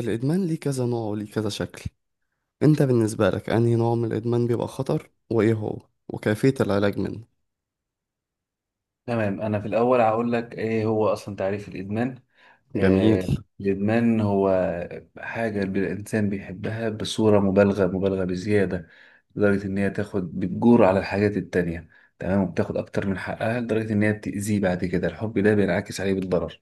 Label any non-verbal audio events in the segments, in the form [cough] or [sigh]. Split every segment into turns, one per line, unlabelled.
الإدمان ليه كذا نوع وليه كذا شكل؟ أنت بالنسبة لك أنهي نوع من الإدمان بيبقى خطر وإيه هو وكيفية العلاج منه؟
تمام، انا في الاول هقول لك ايه هو اصلا تعريف الادمان.
جميل.
آه. الادمان هو حاجه الانسان بيحبها بصوره مبالغه، مبالغه بزياده، لدرجه ان هي تاخد، بتجور على الحاجات التانية. تمام، وبتاخد اكتر من حقها لدرجه ان هي بتاذيه. بعد كده الحب ده بينعكس عليه بالضرر.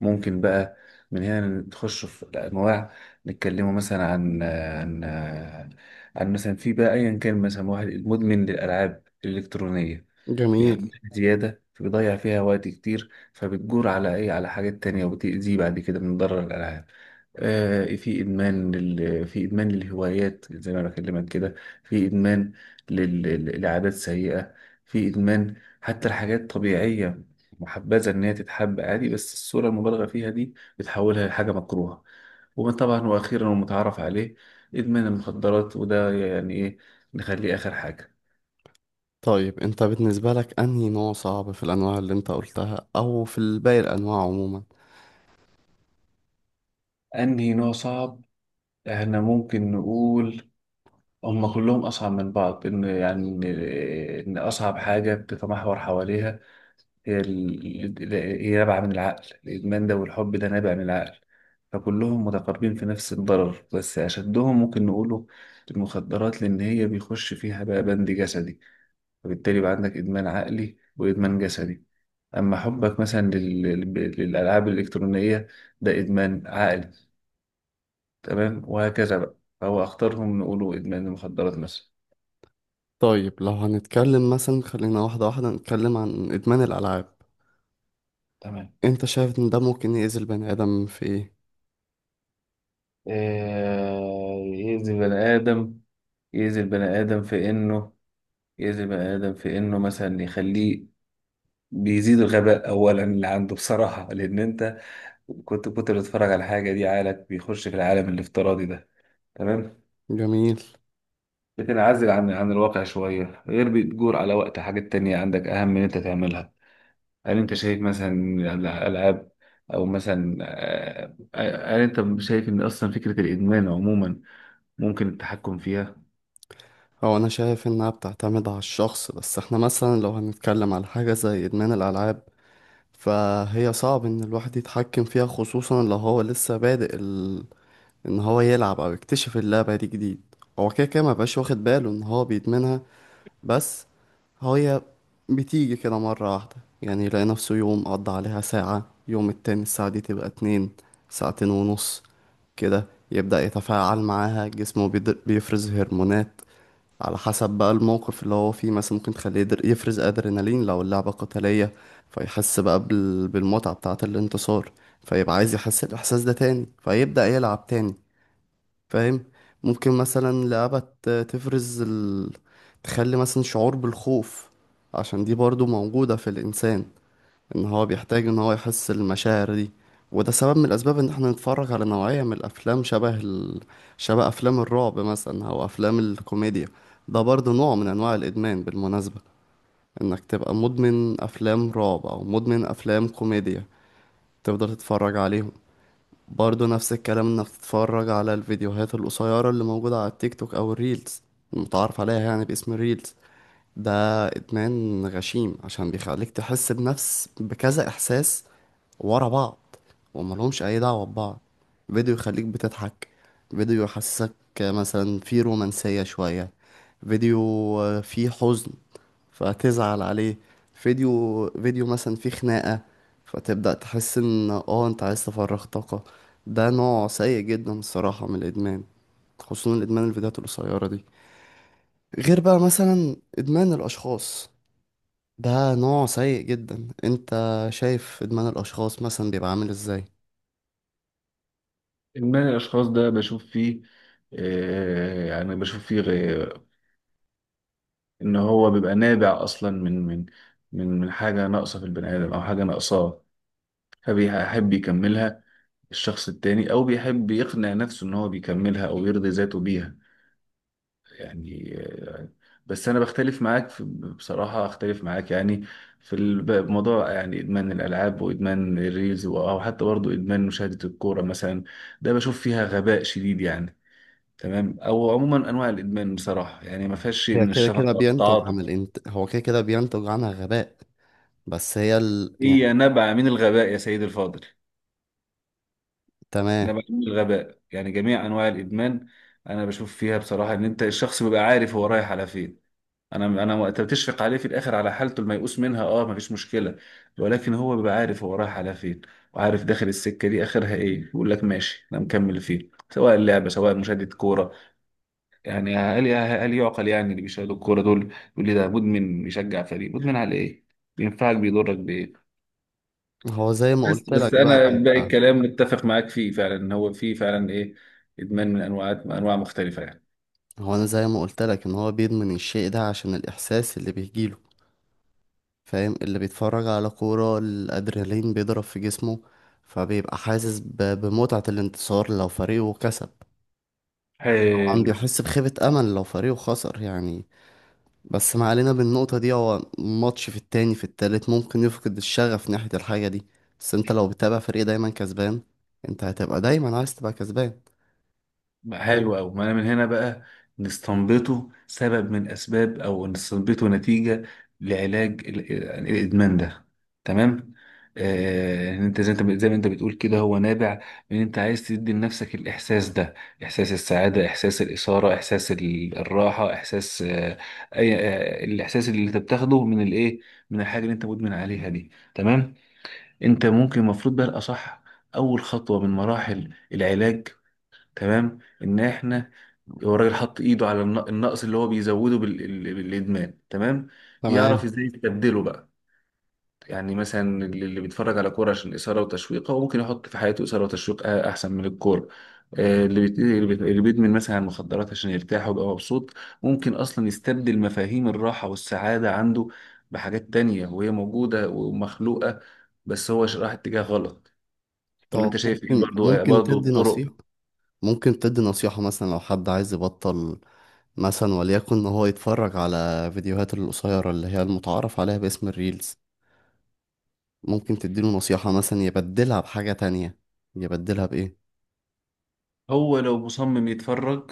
ممكن بقى من هنا نخش في الانواع. نتكلموا مثلا عن عن مثلا، في بقى ايا كان، مثلا واحد مدمن للالعاب الالكترونيه،
جميل.
بيحبها زياده فبيضيع فيها وقت كتير فبتجور على ايه، على حاجات تانية وبتأذيه بعد كده من ضرر الالعاب. آه، في ادمان في ادمان للهوايات زي ما أنا بكلمك كده. في ادمان لعادات سيئه. في ادمان حتى الحاجات طبيعية، محبذة إن هي تتحب عادي، بس الصورة المبالغة فيها دي بتحولها لحاجة مكروهة. وطبعا، وأخيرا ومتعارف عليه إدمان المخدرات. وده يعني إيه؟ نخليه آخر حاجة.
طيب، أنت بالنسبة لك أنهي نوع صعب في الأنواع اللي أنت قلتها أو في باقي الأنواع عموما؟
أنهي نوع صعب؟ إحنا ممكن نقول هما كلهم أصعب من بعض، يعني إن أصعب حاجة بتتمحور حواليها هي هي نابعة من العقل، الإدمان ده والحب ده نابع من العقل. فكلهم متقاربين في نفس الضرر، بس أشدهم ممكن نقوله المخدرات، لأن هي بيخش فيها بقى بند جسدي، فبالتالي يبقى عندك إدمان عقلي وإدمان جسدي. أما حبك مثلا للألعاب الإلكترونية، ده إدمان عقلي. تمام وهكذا بقى، فهو أخطرهم نقوله إدمان المخدرات مثلا.
طيب، لو هنتكلم مثلا خلينا واحدة واحدة نتكلم عن إدمان الألعاب.
تمام.
أنت شايف إن ده ممكن يأذي البني آدم في إيه؟
آه، يأذي البني آدم. يأذي البني آدم في إنه، يأذي بني آدم في إنه مثلا يخليه، بيزيد الغباء أولا اللي عنده بصراحة، لأن أنت كنت بتتفرج على حاجة دي، عقلك بيخش في العالم الافتراضي ده. تمام.
جميل.
بتنعزل عن الواقع شوية، غير بتجور على وقت حاجات تانية عندك أهم من أنت تعملها. هل أنت شايف مثلا الألعاب، أو مثلا هل أنت شايف إن أصلا فكرة الإدمان عموما ممكن التحكم فيها؟
هو أنا شايف إنها بتعتمد على الشخص، بس إحنا مثلا لو هنتكلم على حاجة زي إدمان الألعاب فهي صعب ان الواحد يتحكم فيها، خصوصا لو هو لسه بادئ ان هو يلعب او يكتشف اللعبة دي جديد. هو كده كده مبقاش واخد باله ان هو بيدمنها، بس هي بتيجي كده مرة واحدة. يعني يلاقي نفسه يوم قضى عليها ساعة، يوم التاني الساعة دي تبقى اتنين، ساعتين ونص كده. يبدأ يتفاعل معاها، جسمه بيفرز هرمونات على حسب بقى الموقف اللي هو فيه. مثلا ممكن تخليه يفرز ادرينالين لو اللعبة قتالية، فيحس بقى بالمتعة بتاعة الانتصار، فيبقى عايز يحس الإحساس ده تاني فيبدأ يلعب تاني. فاهم؟ ممكن مثلا لعبة تخلي مثلا شعور بالخوف، عشان دي برضو موجودة في الإنسان، ان هو بيحتاج ان هو يحس المشاعر دي. وده سبب من الاسباب ان احنا نتفرج على نوعية من الافلام شبه افلام الرعب مثلا او افلام الكوميديا. ده برضه نوع من انواع الادمان بالمناسبة، انك تبقى مدمن افلام رعب او مدمن افلام كوميديا تفضل تتفرج عليهم. برضه نفس الكلام انك تتفرج على الفيديوهات القصيرة اللي موجودة على التيك توك او الريلز، المتعارف عليها يعني باسم الريلز. ده ادمان غشيم عشان بيخليك تحس بنفس بكذا احساس ورا بعض، وملهمش اي دعوه ببعض. فيديو يخليك بتضحك، فيديو يحسسك مثلا فيه رومانسيه شويه، فيديو فيه حزن فتزعل عليه، فيديو مثلا فيه خناقه فتبدا تحس ان انت عايز تفرغ طاقه. ده نوع سيء جدا الصراحه من الادمان، خصوصا الادمان الفيديوهات القصيره دي. غير بقى مثلا ادمان الاشخاص، ده نوع سيء جدا. انت شايف ادمان الاشخاص مثلا بيبقى عامل ازاي؟
إدمان الأشخاص ده بشوف فيه، آه، يعني بشوف فيه ان هو بيبقى نابع اصلا من حاجه ناقصه في البني ادم او حاجه ناقصاه، فبيحب يكملها الشخص التاني او بيحب يقنع نفسه ان هو بيكملها او يرضي ذاته بيها. يعني، بس انا بختلف معاك في، بصراحه اختلف معاك يعني في الموضوع، يعني ادمان الالعاب وادمان الريلز او حتى برضه ادمان مشاهده الكوره مثلا، ده بشوف فيها غباء شديد يعني. تمام. او عموما انواع الادمان بصراحه يعني ما فيهاش شيء
هي
من
كده كده
الشفقه
بينتج
والتعاطف.
عن الانت... هو كده كده بينتج عنها غباء، بس هي يعني.
هي نبع من الغباء يا سيدي الفاضل.
تمام.
نبع من الغباء. يعني جميع انواع الادمان انا بشوف فيها بصراحه ان انت الشخص بيبقى عارف هو رايح على فين. انا وقت بتشفق عليه في الاخر على حالته الميؤوس منها، اه، مفيش مشكله، ولكن هو بيبقى عارف هو رايح على فين، وعارف داخل السكه دي اخرها ايه، يقول لك ماشي انا مكمل فيه، سواء اللعبه سواء مشاهده كوره. يعني هل يعقل يعني اللي بيشاهدوا الكوره دول، يقول لي ده مدمن بيشجع فريق، مدمن على ايه؟ بينفعك؟ بيضرك بايه؟
هو زي ما
بس
قلت لك
بس
بقى
انا
بي-
باقي الكلام متفق معاك فيه، فعلا ان هو فيه فعلا ايه، ادمان من انواع مختلفه يعني.
هو انا زي ما قلت لك ان هو بيدمن الشيء ده عشان الاحساس اللي بيجيله. فاهم؟ اللي بيتفرج على كورة، الادرينالين بيضرب في جسمه، فبيبقى حاسس بمتعة الانتصار لو فريقه كسب. طبعا
حلو.
بيحس بخيبة امل لو فريقه خسر، يعني. بس ما علينا بالنقطة دي، هو ماتش في التاني في التالت ممكن يفقد الشغف ناحية الحاجة دي، بس انت لو بتتابع فريق دايما كسبان، انت هتبقى دايما عايز تبقى كسبان.
حلو أوي، ما أنا من هنا بقى نستنبطه سبب من أسباب، أو نستنبطه نتيجة لعلاج يعني الإدمان ده. تمام؟ آه، إن أنت، زي أنت زي ما أنت بتقول كده، هو نابع من أنت عايز تدي لنفسك الإحساس ده، إحساس السعادة، إحساس الإثارة، إحساس الراحة، إحساس آه، أي آه، الإحساس اللي أنت بتاخده من الإيه، من الحاجة اللي أنت مدمن عليها دي. تمام؟ أنت ممكن، المفروض بقى الأصح أول خطوة من مراحل العلاج، تمام؟ إن إحنا، هو الراجل حط ايده على النقص اللي هو بيزوده بالادمان، تمام. يعرف
تمام.
ازاي يستبدله بقى. يعني مثلا اللي بيتفرج على كوره عشان اثاره وتشويق، هو ممكن يحط في حياته اثاره وتشويق احسن من الكوره. آه، اللي بيدمن مثلا مخدرات عشان يرتاح ويبقى مبسوط، ممكن اصلا يستبدل مفاهيم الراحه والسعاده عنده بحاجات تانية، وهي موجوده ومخلوقه، بس هو راح اتجاه غلط. ولا
طب
انت شايف ايه؟
ممكن
برضو،
ممكن
برضو
تدي
الطرق.
نصيحة؟ ممكن تدي نصيحة مثلا لو حد عايز يبطل، مثلا وليكن ان هو يتفرج على فيديوهات القصيرة اللي هي المتعارف عليها باسم الريلز، ممكن تديله نصيحة مثلا يبدلها بحاجة تانية؟ يبدلها بإيه؟
هو لو مصمم يتفرج،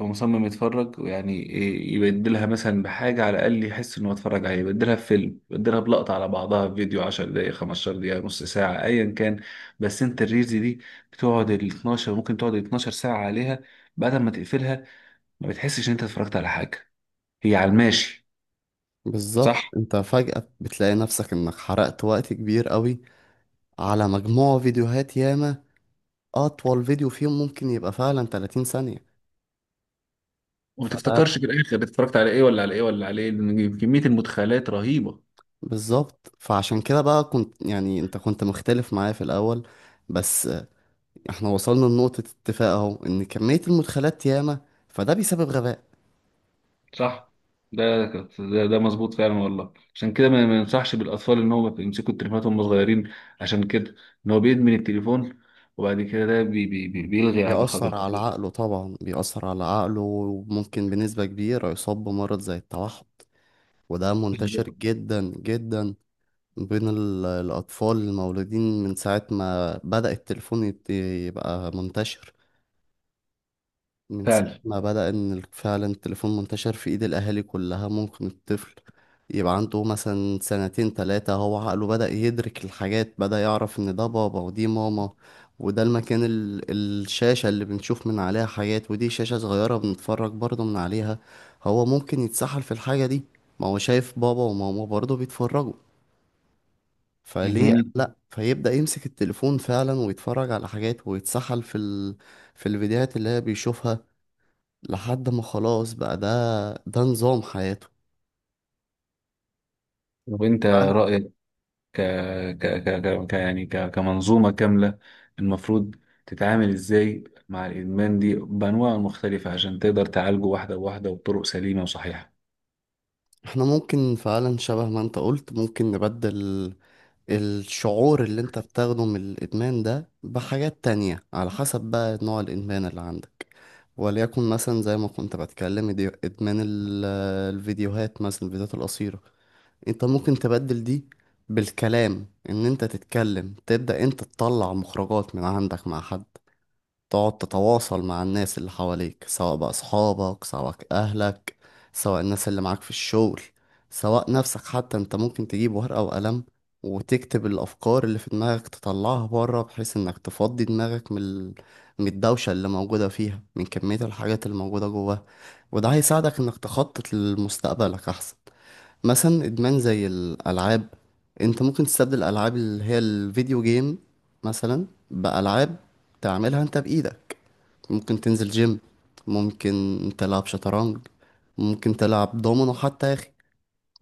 لو مصمم يتفرج ويعني إيه، يبدلها مثلا بحاجة على الأقل يحس إنه اتفرج عليه، يبدلها بفيلم، يبدلها بلقطة على بعضها في فيديو 10 دقايق، 15 دقيقة، نص ساعة، أيا كان. بس أنت الريلز دي بتقعد ال 12، ممكن تقعد ال 12 ساعة عليها، بعد ما تقفلها ما بتحسش إن أنت اتفرجت على حاجة، هي على الماشي.
بالظبط،
صح؟
انت فجأة بتلاقي نفسك انك حرقت وقت كبير قوي على مجموعة فيديوهات ياما. أطول فيديو فيهم ممكن يبقى فعلا 30 ثانية.
وما
فده
تفتكرش في الآخر اتفرجت على إيه ولا على إيه ولا على إيه، لأن كمية المدخلات رهيبة.
بالظبط، فعشان كده بقى كنت يعني أنت كنت مختلف معايا في الأول، بس احنا وصلنا لنقطة اتفاق أهو، إن كمية المدخلات ياما، فده بيسبب غباء.
صح. ده مظبوط فعلا والله. عشان كده ما ينصحش بالاطفال ان هم يمسكوا التليفونات وهم صغيرين، عشان كده ان هو بيدمن التليفون، وبعد كده ده بي بي بي بيلغي على
بيأثر على عقله، طبعا بيأثر على عقله، وممكن بنسبة كبيرة يصاب بمرض زي التوحد. وده منتشر
[laughs]
جدا جدا بين الأطفال المولودين من ساعة ما بدأ التليفون يبقى منتشر، من ساعة
فعلا.
ما بدأ إن فعلا التليفون منتشر في إيد الأهالي كلها. ممكن الطفل يبقى عنده مثلا سنتين تلاتة، هو عقله بدأ يدرك الحاجات، بدأ يعرف إن ده بابا ودي ماما، وده المكان الشاشة اللي بنشوف من عليها حاجات، ودي شاشة صغيرة بنتفرج برضه من عليها. هو ممكن يتسحل في الحاجة دي، ما هو شايف بابا وماما برضه بيتفرجوا، فليه
مهم.
لأ، فيبدأ يمسك التليفون فعلا ويتفرج على حاجات ويتسحل في الفيديوهات اللي هي بيشوفها، لحد ما خلاص بقى ده نظام حياته.
وانت
فعلا.
رايك، ك يعني كمنظومه كامله المفروض تتعامل ازاي مع الادمان دي بانواعه المختلفه، عشان تقدر تعالجه واحده واحده وبطرق سليمه وصحيحه.
احنا ممكن فعلا شبه ما انت قلت، ممكن نبدل الشعور اللي انت بتاخده من الادمان ده بحاجات تانية، على حسب بقى نوع الادمان اللي عندك. وليكن مثلا زي ما كنت بتكلم دي، ادمان الفيديوهات مثلا، الفيديوهات القصيرة. انت ممكن تبدل دي بالكلام، ان انت تتكلم، تبدأ انت تطلع مخرجات من عندك مع حد، تقعد تتواصل مع الناس اللي حواليك، سواء بقى أصحابك سواء أهلك سواء الناس اللي معاك في الشغل، سواء نفسك حتى. انت ممكن تجيب ورقة وقلم وتكتب الأفكار اللي في دماغك، تطلعها بره، بحيث انك تفضي دماغك من من الدوشة اللي موجودة فيها، من كمية الحاجات اللي موجودة جواها، وده هيساعدك انك تخطط لمستقبلك أحسن. مثلا ادمان زي الالعاب، انت ممكن تستبدل الالعاب اللي هي الفيديو جيم مثلا بالعاب تعملها انت بايدك. ممكن تنزل جيم، ممكن تلعب شطرنج، ممكن تلعب دومينو حتى يا اخي.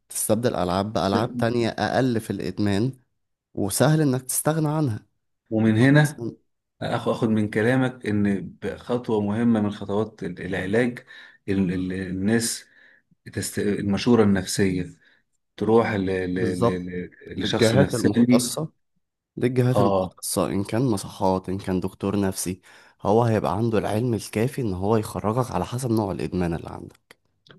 تستبدل العاب بالعاب تانية اقل في الادمان، وسهل انك تستغنى عنها.
ومن هنا
مثلاً.
اخد من كلامك ان خطوه مهمه من خطوات العلاج، الناس المشوره النفسيه، تروح
بالظبط،
لشخص
للجهات
نفساني.
المختصة، للجهات
اه،
المختصة، إن كان مصحات إن كان دكتور نفسي، هو هيبقى عنده العلم الكافي إن هو يخرجك على حسب نوع الإدمان اللي عندك.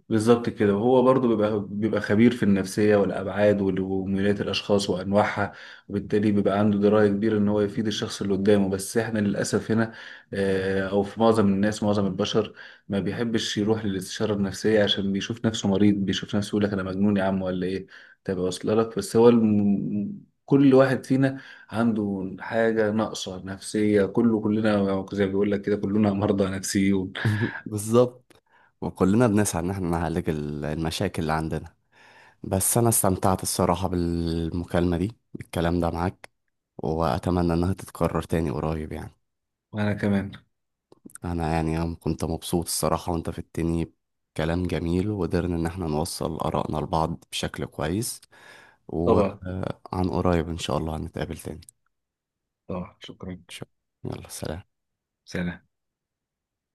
بالظبط كده، وهو برضو بيبقى خبير في النفسية والأبعاد وميولات الأشخاص وأنواعها، وبالتالي بيبقى عنده دراية كبيرة إن هو يفيد الشخص اللي قدامه. بس إحنا للأسف هنا، آه، أو في معظم الناس، معظم البشر ما بيحبش يروح للاستشارة النفسية، عشان بيشوف نفسه مريض، بيشوف نفسه يقول لك أنا مجنون يا عم ولا إيه تبقى واصلة لك. بس هو كل واحد فينا عنده حاجة ناقصة نفسية، كلنا زي ما بيقول لك كده، كلنا مرضى نفسيون.
بالظبط، وكلنا بنسعى ان احنا نعالج المشاكل اللي عندنا. بس انا استمتعت الصراحة بالمكالمة دي، بالكلام ده معاك، واتمنى انها تتكرر تاني قريب، يعني.
وأنا كمان.
انا يعني أنا كنت مبسوط الصراحة، وانت في التاني كلام جميل، وقدرنا ان احنا نوصل ارائنا لبعض بشكل كويس،
طبعا،
وعن قريب ان شاء الله هنتقابل تاني.
طبعا، شكرا.
شكراً. يلا سلام.
سلام.